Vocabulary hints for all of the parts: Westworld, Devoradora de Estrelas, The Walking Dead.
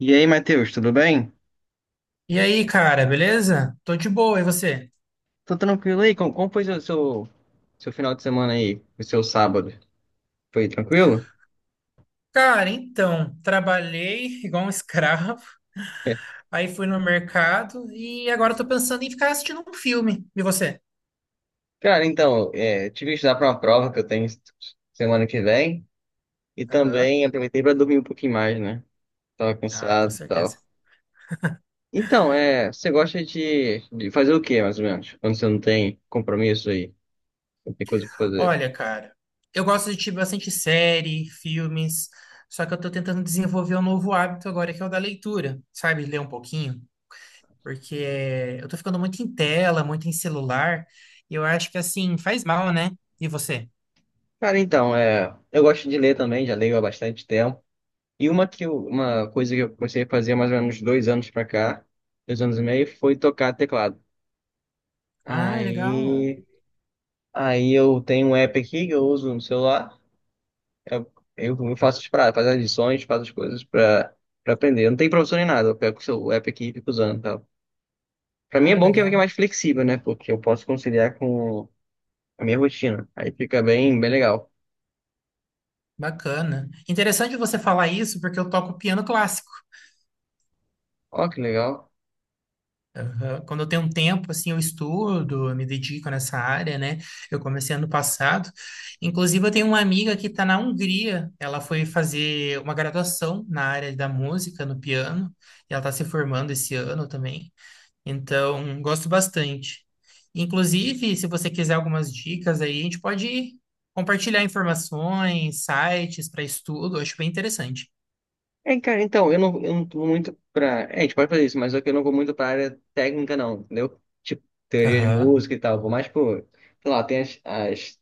E aí, Matheus, tudo bem? E aí, cara, beleza? Tô de boa, e você? Tô tranquilo aí? Como foi seu final de semana aí? O seu sábado? Foi tranquilo? Cara, então, trabalhei igual um escravo, aí fui no mercado e agora tô pensando em ficar assistindo um filme. E você? Cara, então, tive que estudar para uma prova que eu tenho semana que vem. E Aham. também aproveitei para dormir um pouquinho mais, né? Tava Ah, com cansado e certeza. tal. Então, é, você gosta de fazer o quê, mais ou menos? Quando você não tem compromisso aí, não tem coisa pra fazer. Olha, cara, eu gosto de assistir bastante série, filmes, só que eu tô tentando desenvolver um novo hábito agora, que é o da leitura, sabe? Ler um pouquinho, porque eu tô ficando muito em tela, muito em celular, e eu acho que assim, faz mal, né? E você? Cara, então, eu gosto de ler também, já leio há bastante tempo. E uma coisa que eu comecei a fazer há mais ou menos dois anos pra cá, dois anos e meio, foi tocar teclado. Ah, legal. Aí, aí eu tenho um app aqui que eu uso no celular. Eu, eu faço faço as lições, faço as coisas pra aprender. Eu não tem professor nem nada, eu pego o seu app aqui e fico usando e tal. Pra mim é Ah, bom que é legal. mais flexível, né? Porque eu posso conciliar com a minha rotina. Aí fica bem legal. Bacana. Interessante você falar isso, porque eu toco piano clássico. Ó, que legal. Aham. Quando eu tenho um tempo, assim, eu estudo, eu me dedico nessa área, né? Eu comecei ano passado. Inclusive, eu tenho uma amiga que está na Hungria. Ela foi fazer uma graduação na área da música, no piano, e ela está se formando esse ano também. Então, gosto bastante. Inclusive, se você quiser algumas dicas aí, a gente pode compartilhar informações, sites para estudo, eu acho bem interessante. É, cara, então, eu não vou muito pra. É, a gente pode fazer isso, mas só que eu não vou muito pra área técnica, não, entendeu? Tipo, teoria de Aham, música e tal. Vou mais, pô, sei lá, tem as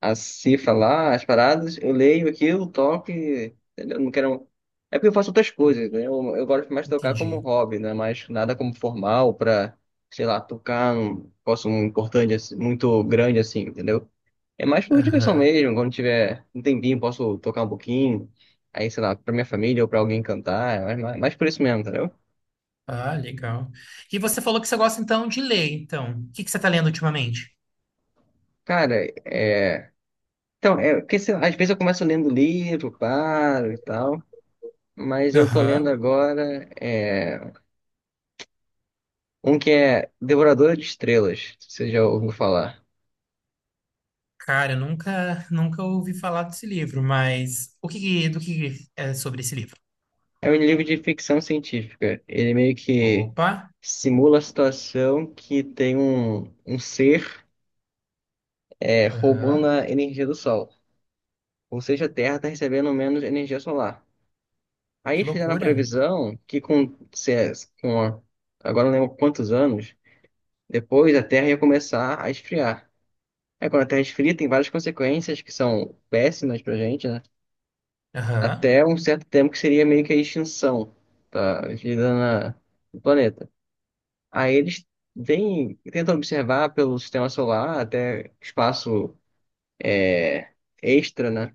as cifras lá, as paradas, eu leio aquilo, toco e. Entendeu? Não quero. É porque eu faço outras en- coisas, né? Eu gosto mais de tocar entendi. como hobby, né? Mas nada como formal pra, sei lá, tocar um posso um importante, assim, muito grande assim, entendeu? É mais por diversão Aham. mesmo, quando tiver um tempinho, posso tocar um pouquinho. Aí, sei lá, pra minha família ou pra alguém cantar, mas mais por isso mesmo, entendeu? Ah, legal. E você falou que você gosta então de ler, então. O que que você está lendo ultimamente? Cara, é. Então, porque sei lá, às vezes eu começo lendo livro, paro e tal. Mas eu tô lendo Aham. agora um que é Devoradora de Estrelas, se você já ouviu falar. Cara, eu nunca ouvi falar desse livro, mas do que é sobre esse livro? É um livro de ficção científica. Ele meio que Opa, simula a situação que tem um ser roubando aham. a energia do Sol. Ou seja, a Terra está recebendo menos energia solar. Aí Que eles fizeram a loucura. previsão que com, se- é, com a- agora não lembro quantos anos, depois a Terra ia começar a esfriar. Aí quando a Terra esfria, tem várias consequências que são péssimas pra gente, né? Aham, Até um certo tempo que seria meio que a extinção da no planeta. Aí eles tentam observar pelo sistema solar, até espaço extra, né?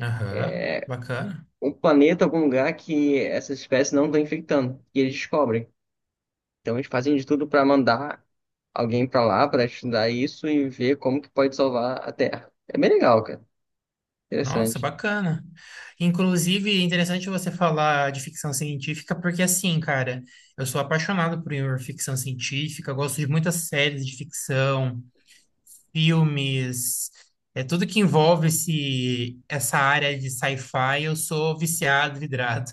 aham. Bacana. Um planeta, algum lugar que essas espécies não estão infectando, e eles descobrem. Então eles fazem de tudo para mandar alguém para lá para estudar isso e ver como que pode salvar a Terra. É bem legal, cara. Nossa, Interessante. bacana. Inclusive, é interessante você falar de ficção científica, porque assim, cara, eu sou apaixonado por ficção científica, gosto de muitas séries de ficção, filmes, é tudo que envolve essa área de sci-fi, eu sou viciado, vidrado.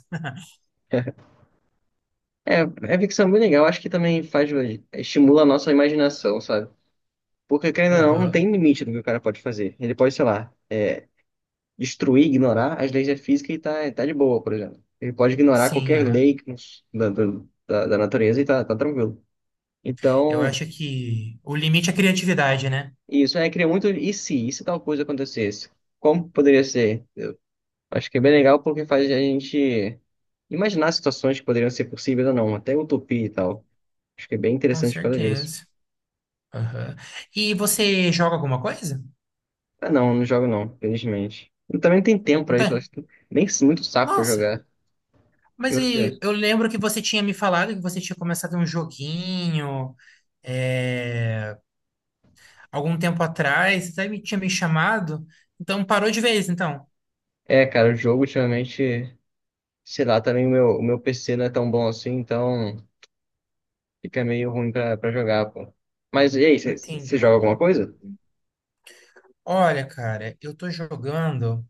É, é ficção bem legal. Acho que também faz estimula a nossa imaginação, sabe? Porque, querendo ou não, não Aham. tem limite do que o cara pode fazer. Ele pode, sei lá, destruir, ignorar as leis da física e tá de boa, por exemplo. Ele pode ignorar Sim, qualquer aham. lei que nos- da, da, da- da natureza e tá tranquilo. Eu Então, acho que o limite é a criatividade, né? isso é, cria muito e se tal coisa acontecesse? Como poderia ser? Acho que é bem legal porque faz a gente imaginar situações que poderiam ser possíveis ou não, até utopia e tal. Acho que é bem Com interessante por causa disso. certeza. Aham. E você joga alguma coisa? Ah, não jogo não, felizmente. Eu também não tenho tempo Não pra isso, tem? acho que nem muito saco pra Nossa. jogar. E Mas você? e, eu lembro que você tinha me falado que você tinha começado um joguinho é, algum tempo atrás, você até me tinha me chamado, então parou de vez, então. É, cara, o jogo ultimamente, sei lá, também o meu PC não é tão bom assim, então fica meio ruim pra jogar, pô. Mas e aí, você Entendi. joga alguma coisa? Olha, cara, eu tô jogando.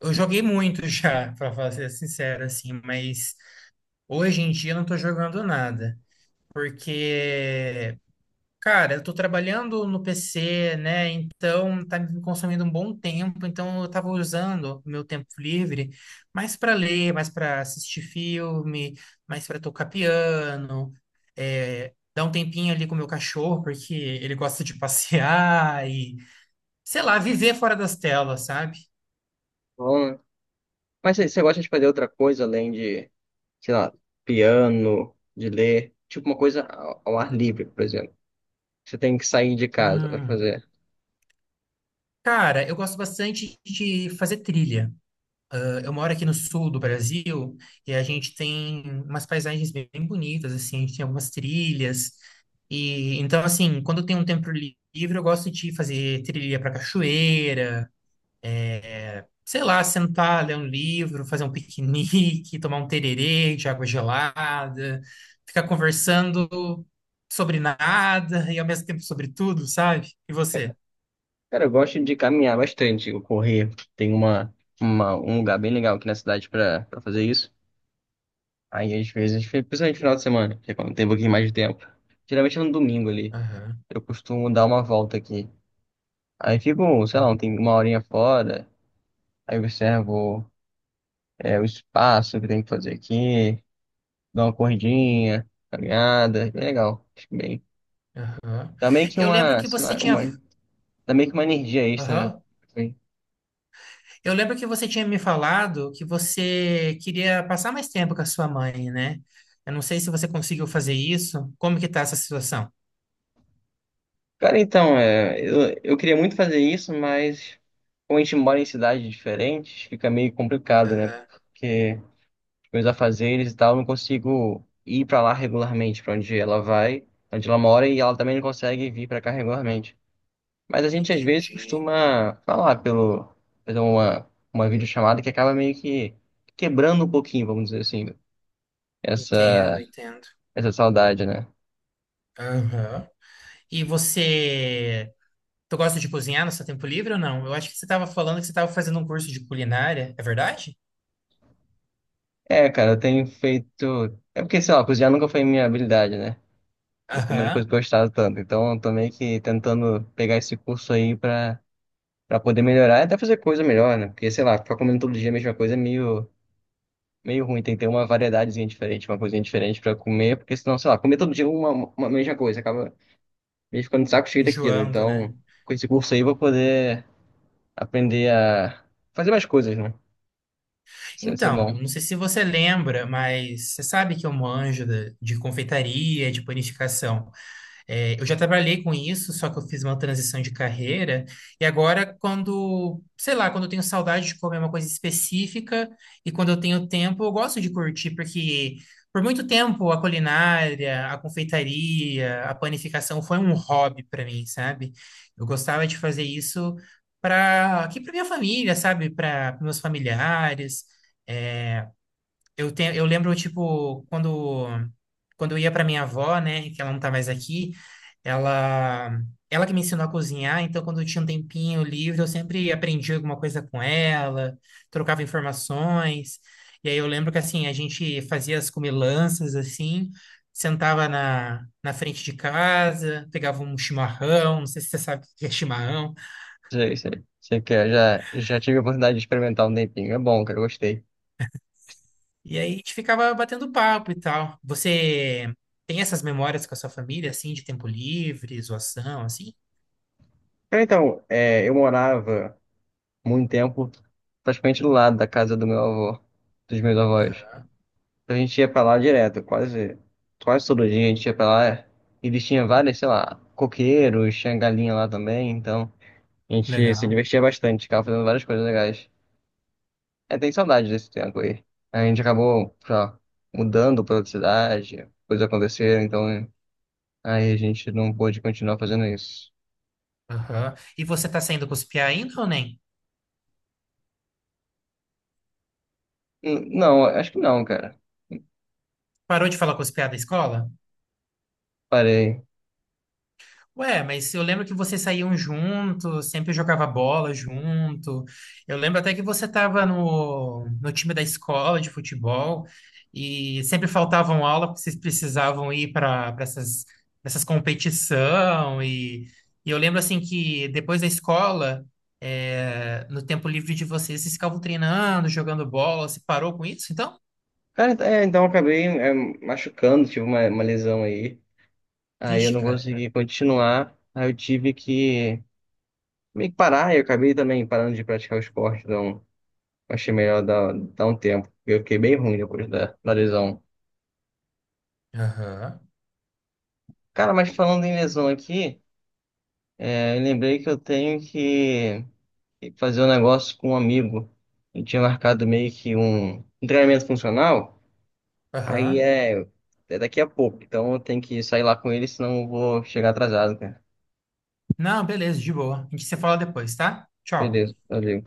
Eu joguei muito já, ser sincero, assim, mas hoje em dia eu não tô jogando nada. Porque cara, eu tô trabalhando no PC, né? Então tá me consumindo um bom tempo. Então eu tava usando o meu tempo livre mais para ler, mais para assistir filme, mais para tocar piano, é, dar um tempinho ali com o meu cachorro, porque ele gosta de passear e, sei lá, viver fora das telas, sabe? Bom, né? Mas você gosta de fazer outra coisa além de, sei lá, piano, de ler, tipo uma coisa ao ar livre, por exemplo. Você tem que sair de casa pra Hum. fazer. Cara, eu gosto bastante de fazer trilha. Eu moro aqui no sul do Brasil e a gente tem umas paisagens bem bonitas, assim, a gente tem algumas trilhas. E então, assim, quando eu tenho um tempo livre, eu gosto de fazer trilha para cachoeira, é, sei lá, sentar, ler um livro, fazer um piquenique, tomar um tererê de água gelada, ficar conversando sobre nada e ao mesmo tempo sobre tudo, sabe? E você? Cara, eu gosto de caminhar bastante, eu correr. Tem um lugar bem legal aqui na cidade pra fazer isso. Aí às vezes, principalmente no final de semana, que é quando tem um pouquinho mais de tempo. Geralmente é no domingo ali. Aham, Eu costumo dar uma volta aqui. Aí fico, sei lá, ah, uma horinha fora, aí observo o espaço que tem que fazer aqui, dou uma corridinha, caminhada, é legal, acho bem. aham. Dá meio que Eu lembro uma, que sei você lá, tinha. uma, dá meio que uma energia extra, né? Aham. Assim. Eu lembro que você tinha me falado que você queria passar mais tempo com a sua mãe, né? Eu não sei se você conseguiu fazer isso. Como que tá essa situação? Cara, então, é, eu queria muito fazer isso, mas como a gente mora em cidades diferentes, fica meio complicado, né? Aham, Porque meus afazeres e tal, não consigo ir pra lá regularmente, pra onde ela vai, onde ela mora, e ela também não consegue vir pra cá regularmente. Mas a gente às vezes entendi. costuma falar pelo, fazer uma videochamada que acaba meio que quebrando um pouquinho, vamos dizer assim, Entendo, essa, entendo. essa saudade, né? Aham. E você, tu gosta de cozinhar no seu tempo livre ou não? Eu acho que você estava falando que você estava fazendo um curso de culinária, é verdade? É, cara, eu tenho feito. É porque, sei lá, cozinhar nunca foi minha habilidade, né? Foi uma das Aham. coisas que eu gostava tanto. Então, eu tô meio que tentando pegar esse curso aí pra pra poder melhorar e até fazer coisa melhor, né? Porque, sei lá, ficar comendo todo dia a mesma coisa é meio ruim. Tem que ter uma variedadezinha diferente, uma coisinha diferente pra comer, porque senão, sei lá, comer todo dia uma mesma coisa, acaba meio ficando de saco cheio daquilo. Enjoando, né? Então, com esse curso aí, eu vou poder aprender a fazer mais coisas, né? Isso é bom. Então, não sei se você lembra, mas você sabe que eu manjo de confeitaria, de panificação. É, eu já trabalhei com isso, só que eu fiz uma transição de carreira. E agora, quando, sei lá, quando eu tenho saudade de comer uma coisa específica e quando eu tenho tempo, eu gosto de curtir, porque por muito tempo a culinária, a confeitaria, a panificação foi um hobby para mim, sabe? Eu gostava de fazer isso para aqui para minha família, sabe? Para meus familiares. É, eu lembro, tipo, quando eu ia para minha avó, né, que ela não tá mais aqui, ela, ela que me ensinou a cozinhar, então quando eu tinha um tempinho livre, eu sempre aprendia alguma coisa com ela, trocava informações. E aí eu lembro que, assim, a gente fazia as comilanças, assim, sentava na frente de casa, pegava um chimarrão, não sei se você sabe o que é chimarrão. Sei, sei, sei que já tive a oportunidade de experimentar um tempinho. É bom, cara, eu gostei. E aí a gente ficava batendo papo e tal. Você tem essas memórias com a sua família, assim, de tempo livre, zoação, assim? Cara, então, eu morava muito tempo praticamente do lado da casa do meu avô, dos meus avós. Então a gente ia pra lá direto, quase, quase todo dia a gente ia pra lá. Eles tinham várias, sei lá, coqueiros, tinha galinha lá também, então a gente se Legal. divertia bastante, ficava fazendo várias coisas legais. É, tem saudade desse tempo aí. A gente acabou, sei lá, mudando pra outra cidade, coisas aconteceram, então é, aí a gente não pôde continuar fazendo isso. Aham. E você tá saindo com os piá ainda ou nem? Não, acho que não, cara. Parou de falar com os piá da escola? Parei. Ué, mas eu lembro que vocês saíam juntos, sempre jogava bola junto. Eu lembro até que você estava no time da escola de futebol e sempre faltavam aula porque vocês precisavam ir para essas competição. E eu lembro assim que depois da escola, é, no tempo livre de vocês, vocês ficavam treinando, jogando bola. Você parou com isso, então? Cara, é, então eu acabei machucando, tive uma lesão aí. Aí eu Vixe, não cara. consegui continuar. Aí eu tive que meio que parar, e eu acabei também parando de praticar o esporte, então achei melhor dar um tempo. Eu fiquei bem ruim depois da lesão. Aham, Cara, mas falando em lesão aqui, é, eu lembrei que eu tenho que fazer um negócio com um amigo. Eu tinha marcado meio que um treinamento funcional, aí aham. É daqui a pouco, então eu tenho que sair lá com ele, senão eu vou chegar atrasado, cara. Não, beleza, de boa. A gente se fala depois, tá? Tchau. Beleza, valeu.